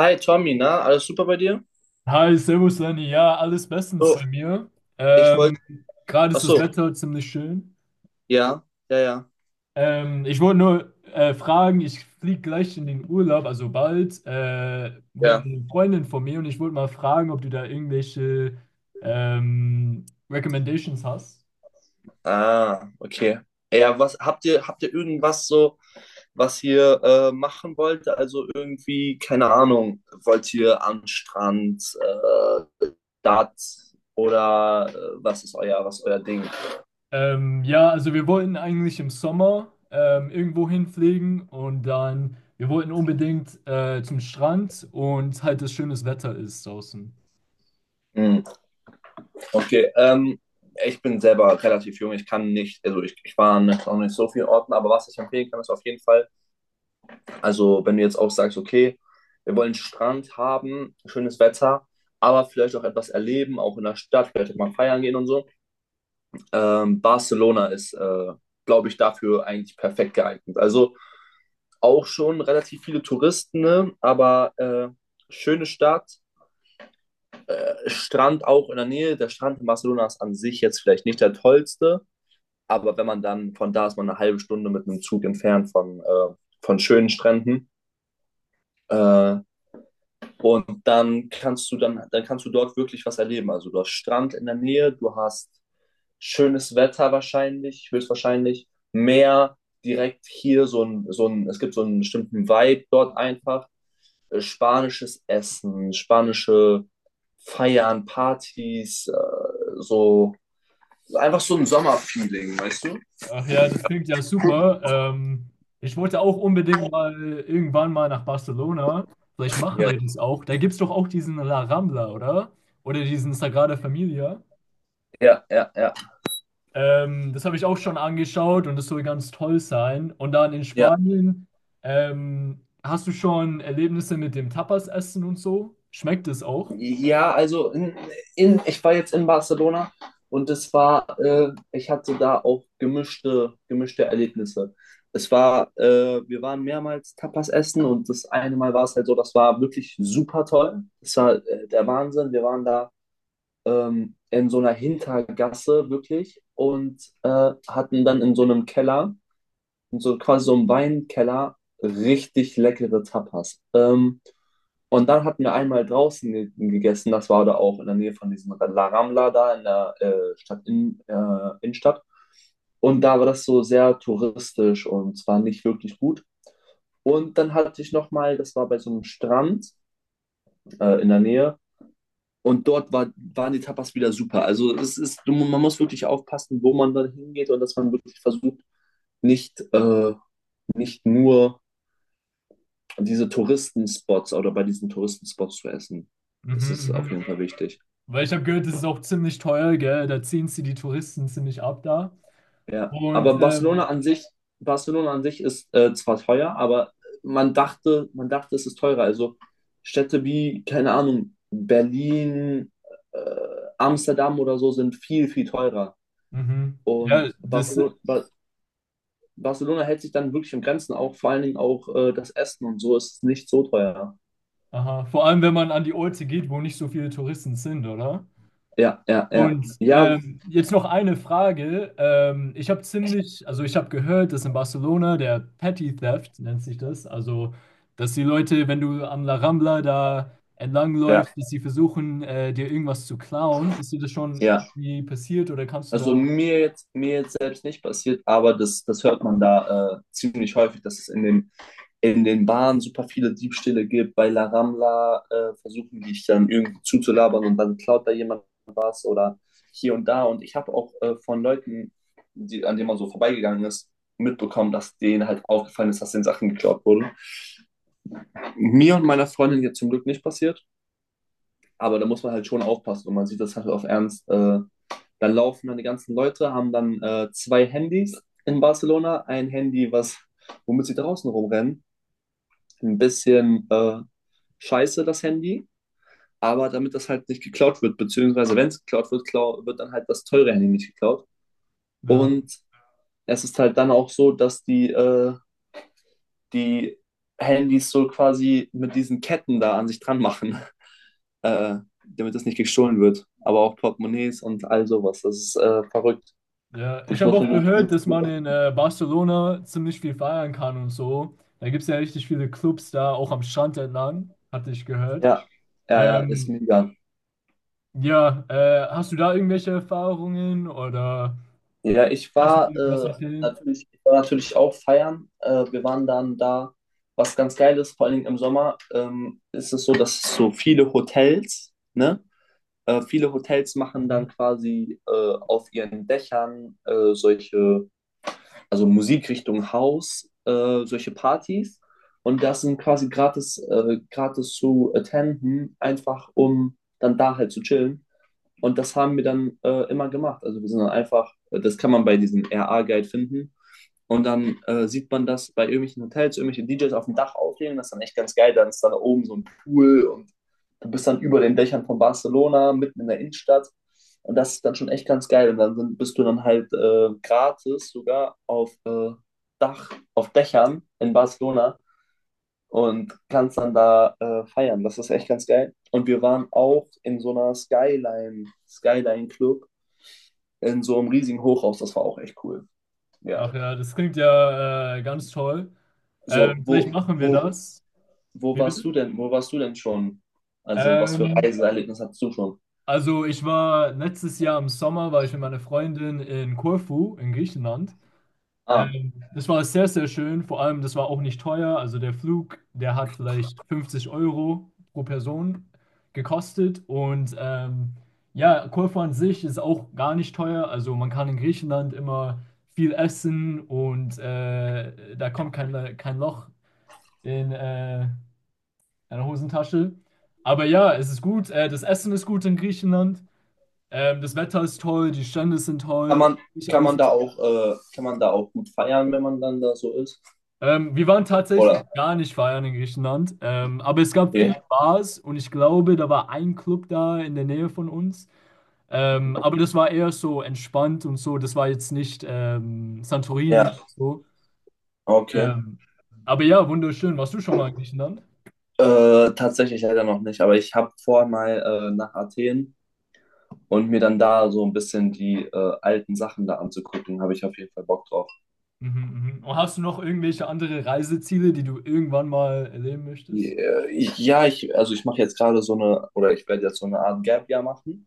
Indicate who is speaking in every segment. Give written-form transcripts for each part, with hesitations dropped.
Speaker 1: Hi Tommy, na, alles super bei dir?
Speaker 2: Hi, Servus Lenny. Ja, alles bestens
Speaker 1: Oh,
Speaker 2: bei mir.
Speaker 1: ich wollte.
Speaker 2: Ähm, Gerade
Speaker 1: Ach
Speaker 2: ist das
Speaker 1: so.
Speaker 2: Wetter ziemlich schön.
Speaker 1: Ja, ja, ja,
Speaker 2: Ich wollte nur fragen, ich fliege gleich in den Urlaub, also bald, mit
Speaker 1: ja.
Speaker 2: einer Freundin von mir, und ich wollte mal fragen, ob du da irgendwelche Recommendations hast.
Speaker 1: Ah, okay. Ja, habt ihr irgendwas so, was ihr machen wollt? Also irgendwie, keine Ahnung, wollt ihr an den Strand, dat oder was ist euer Ding?
Speaker 2: Ja, also wir wollten eigentlich im Sommer irgendwo hinfliegen, und dann, wir wollten unbedingt zum Strand, und halt das schönes Wetter ist draußen.
Speaker 1: Hm, okay, ich bin selber relativ jung, ich kann nicht, also ich war noch nicht so vielen Orten, aber was ich empfehlen kann, ist auf jeden Fall. Also, wenn du jetzt auch sagst, okay, wir wollen Strand haben, schönes Wetter, aber vielleicht auch etwas erleben, auch in der Stadt, vielleicht auch mal feiern gehen und so. Barcelona ist, glaube ich, dafür eigentlich perfekt geeignet. Also auch schon relativ viele Touristen, ne? Aber schöne Stadt, Strand auch in der Nähe. Der Strand in Barcelona ist an sich jetzt vielleicht nicht der tollste, aber wenn man dann von da ist, man eine halbe Stunde mit einem Zug entfernt von schönen Stränden. Äh, Und dann kannst du dort wirklich was erleben. Also du hast Strand in der Nähe, du hast schönes Wetter wahrscheinlich, höchstwahrscheinlich, Meer direkt hier, es gibt so einen bestimmten Vibe dort einfach. Spanisches Essen, spanische Feiern, Partys, so einfach so ein Sommerfeeling, weißt du?
Speaker 2: Ach ja, das klingt ja super. Ähm, Ich wollte auch unbedingt mal irgendwann mal nach Barcelona. Vielleicht machen
Speaker 1: Ja.
Speaker 2: wir das auch. Da gibt es doch auch diesen La Rambla, oder? Oder diesen Sagrada Familia.
Speaker 1: Ja, ja, ja.
Speaker 2: Das habe ich auch schon angeschaut und das soll ganz toll sein. Und dann in
Speaker 1: Ja.
Speaker 2: Spanien, hast du schon Erlebnisse mit dem Tapas-Essen und so? Schmeckt es auch?
Speaker 1: Ja, also ich war jetzt in Barcelona und es war, ich hatte da auch gemischte Erlebnisse. Es war, wir waren mehrmals Tapas essen und das eine Mal war es halt so, das war wirklich super toll. Das war der Wahnsinn. Wir waren da in so einer Hintergasse wirklich und hatten dann in so einem Keller und so quasi so im Weinkeller richtig leckere Tapas. Und dann hatten wir einmal draußen ge gegessen. Das war da auch in der Nähe von diesem La Ramla da in der Stadt in, Innenstadt. Und da war das so sehr touristisch und es war nicht wirklich gut. Und dann hatte ich nochmal, das war bei so einem Strand in der Nähe. Und dort waren die Tapas wieder super. Also es ist, man muss wirklich aufpassen, wo man dann hingeht und dass man wirklich versucht, nicht, nicht nur diese Touristenspots oder bei diesen Touristenspots zu essen.
Speaker 2: Mhm,
Speaker 1: Das ist auf
Speaker 2: mhm.
Speaker 1: jeden Fall wichtig.
Speaker 2: Weil ich habe gehört, das ist auch ziemlich teuer, gell? Da ziehen sie die Touristen ziemlich ab da.
Speaker 1: Ja,
Speaker 2: Und
Speaker 1: aber Barcelona an sich ist zwar teuer, aber man dachte, es ist teurer. Also Städte wie, keine Ahnung, Berlin, äh, Amsterdam oder so sind viel, viel teurer.
Speaker 2: mhm. Ja,
Speaker 1: Und
Speaker 2: das
Speaker 1: Barcelona hält sich dann wirklich in Grenzen, auch vor allen Dingen auch das Essen und so ist nicht so teuer.
Speaker 2: Aha, vor allem, wenn man an die Orte geht, wo nicht so viele Touristen sind, oder?
Speaker 1: Ja, ja, ja.
Speaker 2: Und
Speaker 1: Ja,
Speaker 2: jetzt noch eine Frage. Ich habe ziemlich, also ich habe gehört, dass in Barcelona der Petty Theft nennt sich das, also dass die Leute, wenn du an La Rambla da
Speaker 1: ja,
Speaker 2: entlangläufst, dass sie versuchen, dir irgendwas zu klauen. Ist dir das schon
Speaker 1: ja.
Speaker 2: irgendwie passiert oder kannst du
Speaker 1: Also
Speaker 2: da,
Speaker 1: mir jetzt selbst nicht passiert, aber das hört man da ziemlich häufig, dass es in den Bahnen super viele Diebstähle gibt. Bei La Ramla versuchen die dich dann irgendwie zuzulabern und dann klaut da jemand was oder hier und da. Und ich habe auch von Leuten, an denen man so vorbeigegangen ist, mitbekommen, dass denen halt aufgefallen ist, dass den Sachen geklaut wurden. Mir und meiner Freundin jetzt zum Glück nicht passiert, aber da muss man halt schon aufpassen und man sieht das halt auf Ernst. Dann laufen dann die ganzen Leute, haben dann zwei Handys in Barcelona. Ein Handy, womit sie draußen rumrennen. Ein bisschen scheiße, das Handy. Aber damit das halt nicht geklaut wird, beziehungsweise wenn es geklaut wird, klau wird dann halt das teure Handy nicht geklaut.
Speaker 2: da
Speaker 1: Und es ist halt dann auch so, dass die Handys so quasi mit diesen Ketten da an sich dran machen, äh, damit das nicht gestohlen wird. Aber auch Portemonnaies und all sowas. Das ist verrückt.
Speaker 2: Ja, ich
Speaker 1: Ich
Speaker 2: habe
Speaker 1: muss
Speaker 2: auch
Speaker 1: mal.
Speaker 2: gehört,
Speaker 1: Gut.
Speaker 2: dass man in Barcelona ziemlich viel feiern kann und so. Da gibt es ja richtig viele Clubs da, auch am Strand entlang, hatte ich gehört.
Speaker 1: Ja, ja, ja, ist
Speaker 2: Ähm,
Speaker 1: mega.
Speaker 2: ja, hast du da irgendwelche Erfahrungen oder
Speaker 1: Ja, ich
Speaker 2: kannst du mir
Speaker 1: war
Speaker 2: irgendwas empfehlen?
Speaker 1: natürlich auch feiern. Wir waren dann da, was ganz geil ist, vor allen Dingen im Sommer, ist es so, dass es so viele Hotels, ne? Viele Hotels machen
Speaker 2: Mhm.
Speaker 1: dann quasi auf ihren Dächern solche, also Musikrichtung House, solche Partys. Und das sind quasi gratis zu attenden, einfach um dann da halt zu chillen. Und das haben wir dann immer gemacht. Also wir sind dann einfach, das kann man bei diesem RA-Guide finden. Und dann sieht man das bei irgendwelchen Hotels, irgendwelche DJs auf dem Dach auflegen. Das ist dann echt ganz geil. Dann ist dann da oben so ein Pool und du bist dann über den Dächern von Barcelona, mitten in der Innenstadt. Und das ist dann schon echt ganz geil. Und dann bist du dann halt gratis sogar auf Dächern in Barcelona und kannst dann da feiern. Das ist echt ganz geil. Und wir waren auch in so einer Skyline Club, in so einem riesigen Hochhaus. Das war auch echt cool. Ja.
Speaker 2: Ach ja, das klingt ja ganz toll.
Speaker 1: So,
Speaker 2: Vielleicht machen wir
Speaker 1: wo,
Speaker 2: das.
Speaker 1: wo
Speaker 2: Wie
Speaker 1: warst du
Speaker 2: bitte?
Speaker 1: denn? Wo warst du denn schon? Also, was für
Speaker 2: Ähm,
Speaker 1: Reiseerlebnis hattest du schon?
Speaker 2: also ich war letztes Jahr im Sommer, war ich mit meiner Freundin in Korfu in Griechenland.
Speaker 1: Ah,
Speaker 2: Das war sehr, sehr schön. Vor allem, das war auch nicht teuer. Also der Flug, der hat vielleicht 50 € pro Person gekostet. Und ja, Korfu an sich ist auch gar nicht teuer. Also man kann in Griechenland immer viel essen, und da kommt kein Loch in eine Hosentasche. Aber ja, es ist gut. Das Essen ist gut in Griechenland. Das Wetter ist toll, die Strände sind
Speaker 1: kann
Speaker 2: toll.
Speaker 1: man,
Speaker 2: Nicht alles, was
Speaker 1: kann man da auch gut feiern, wenn man dann da so ist?
Speaker 2: Wir waren
Speaker 1: Oder?
Speaker 2: tatsächlich gar nicht feiern in Griechenland, aber es gab viele
Speaker 1: Okay.
Speaker 2: Bars und ich glaube, da war ein Club da in der Nähe von uns. Aber das war eher so entspannt und so, das war jetzt nicht Santorini
Speaker 1: Ja,
Speaker 2: und so.
Speaker 1: okay.
Speaker 2: Ähm, aber ja, wunderschön. Warst du schon mal in Griechenland?
Speaker 1: Tatsächlich leider noch nicht, aber ich habe vor, mal nach Athen und mir dann da so ein bisschen die alten Sachen da anzugucken, habe ich auf jeden Fall Bock drauf.
Speaker 2: Mhm, mhm. Und hast du noch irgendwelche andere Reiseziele, die du irgendwann mal erleben möchtest?
Speaker 1: Ja, also ich mache jetzt gerade so eine, oder ich werde jetzt so eine Art Gap Year machen.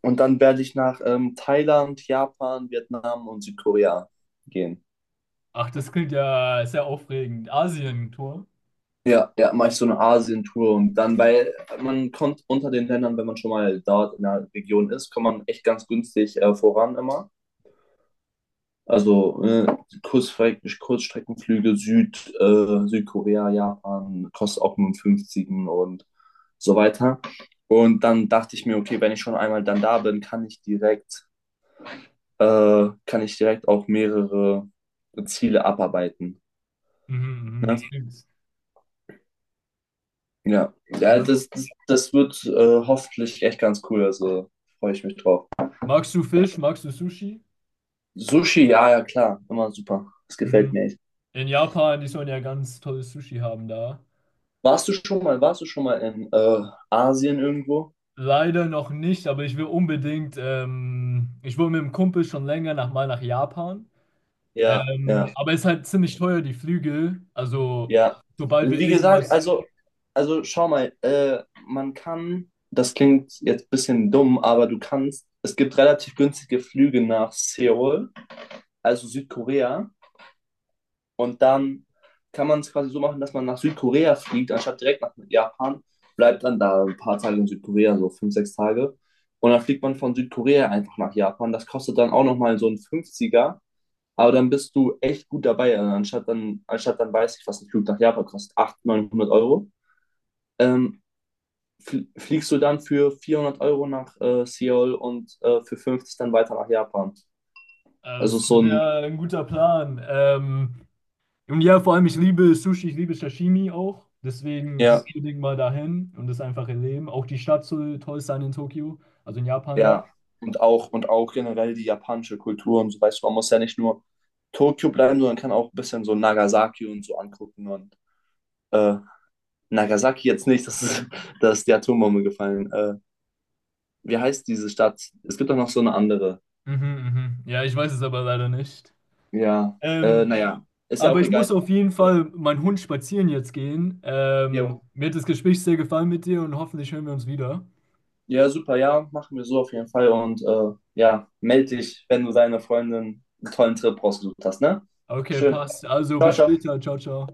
Speaker 1: Und dann werde ich nach Thailand, Japan, Vietnam und Südkorea gehen.
Speaker 2: Ach, das klingt ja sehr aufregend. Asien-Tour.
Speaker 1: Ja, ja, mache ich so eine Asien-Tour und dann, weil man kommt unter den Ländern, wenn man schon mal dort in der Region ist, kommt man echt ganz günstig voran immer. Also Kurzstreckenflüge Südkorea, Japan, kostet auch nur einen 50 und so weiter. Und dann dachte ich mir, okay, wenn ich schon einmal dann da bin, kann ich direkt auch mehrere Ziele abarbeiten.
Speaker 2: Mhm, mhm,
Speaker 1: Ne?
Speaker 2: das klingt.
Speaker 1: Ja. Ja,
Speaker 2: Ja.
Speaker 1: das wird hoffentlich echt ganz cool. Also freue ich mich drauf.
Speaker 2: Magst du
Speaker 1: Ja.
Speaker 2: Fisch? Magst du Sushi?
Speaker 1: Sushi, ja, ja, klar, immer super. Das gefällt
Speaker 2: Mhm.
Speaker 1: mir echt.
Speaker 2: In Japan, die sollen ja ganz tolles Sushi haben da.
Speaker 1: Warst du schon mal in Asien irgendwo?
Speaker 2: Leider noch nicht, aber ich will unbedingt, ich will mit dem Kumpel schon länger nach, mal nach Japan.
Speaker 1: Ja, ja,
Speaker 2: Aber es ist halt ziemlich teuer, die Flüge. Also,
Speaker 1: ja.
Speaker 2: sobald wir
Speaker 1: Wie gesagt,
Speaker 2: irgendwas,
Speaker 1: also schau mal, man kann, das klingt jetzt ein bisschen dumm, aber du kannst, es gibt relativ günstige Flüge nach Seoul, also Südkorea, und dann kann man es quasi so machen, dass man nach Südkorea fliegt, anstatt direkt nach Japan, bleibt dann da ein paar Tage in Südkorea, so fünf, sechs Tage, und dann fliegt man von Südkorea einfach nach Japan. Das kostet dann auch nochmal so ein Fünfziger. Aber dann bist du echt gut dabei. Also Anstatt dann weiß ich, was ein Flug nach Japan kostet, 800, 900 Euro, ähm, fliegst du dann für 400 € nach Seoul und für 50 dann weiter nach Japan. Also
Speaker 2: das ist
Speaker 1: so ein.
Speaker 2: ja ein guter Plan. Und ja, vor allem, ich liebe Sushi, ich liebe Sashimi auch. Deswegen, ich will
Speaker 1: Ja,
Speaker 2: unbedingt mal dahin und das einfach erleben. Auch die Stadt soll toll sein in Tokio, also in Japan
Speaker 1: ja,
Speaker 2: da.
Speaker 1: und auch generell die japanische Kultur und so, weißt du, man muss ja nicht nur Tokio bleiben, sondern kann auch ein bisschen so Nagasaki und so angucken und äh, Nagasaki jetzt nicht, das ist, da ist die Atombombe gefallen. Wie heißt diese Stadt? Es gibt doch noch so eine andere.
Speaker 2: Mhm, mhm. Ja, ich weiß es aber leider nicht.
Speaker 1: Ja,
Speaker 2: Ähm,
Speaker 1: naja, ist ja
Speaker 2: aber
Speaker 1: auch
Speaker 2: ich muss
Speaker 1: egal.
Speaker 2: auf jeden
Speaker 1: Äh,
Speaker 2: Fall meinen Hund spazieren jetzt gehen.
Speaker 1: Ja,
Speaker 2: Mir hat das Gespräch sehr gefallen mit dir und hoffentlich hören wir uns wieder.
Speaker 1: ja, super, ja, machen wir so auf jeden Fall. Und ja, melde dich, wenn du deine Freundin einen tollen Trip rausgesucht hast, ne?
Speaker 2: Okay,
Speaker 1: Schön.
Speaker 2: passt. Also
Speaker 1: Ciao,
Speaker 2: bis
Speaker 1: ciao.
Speaker 2: später. Ciao, ciao.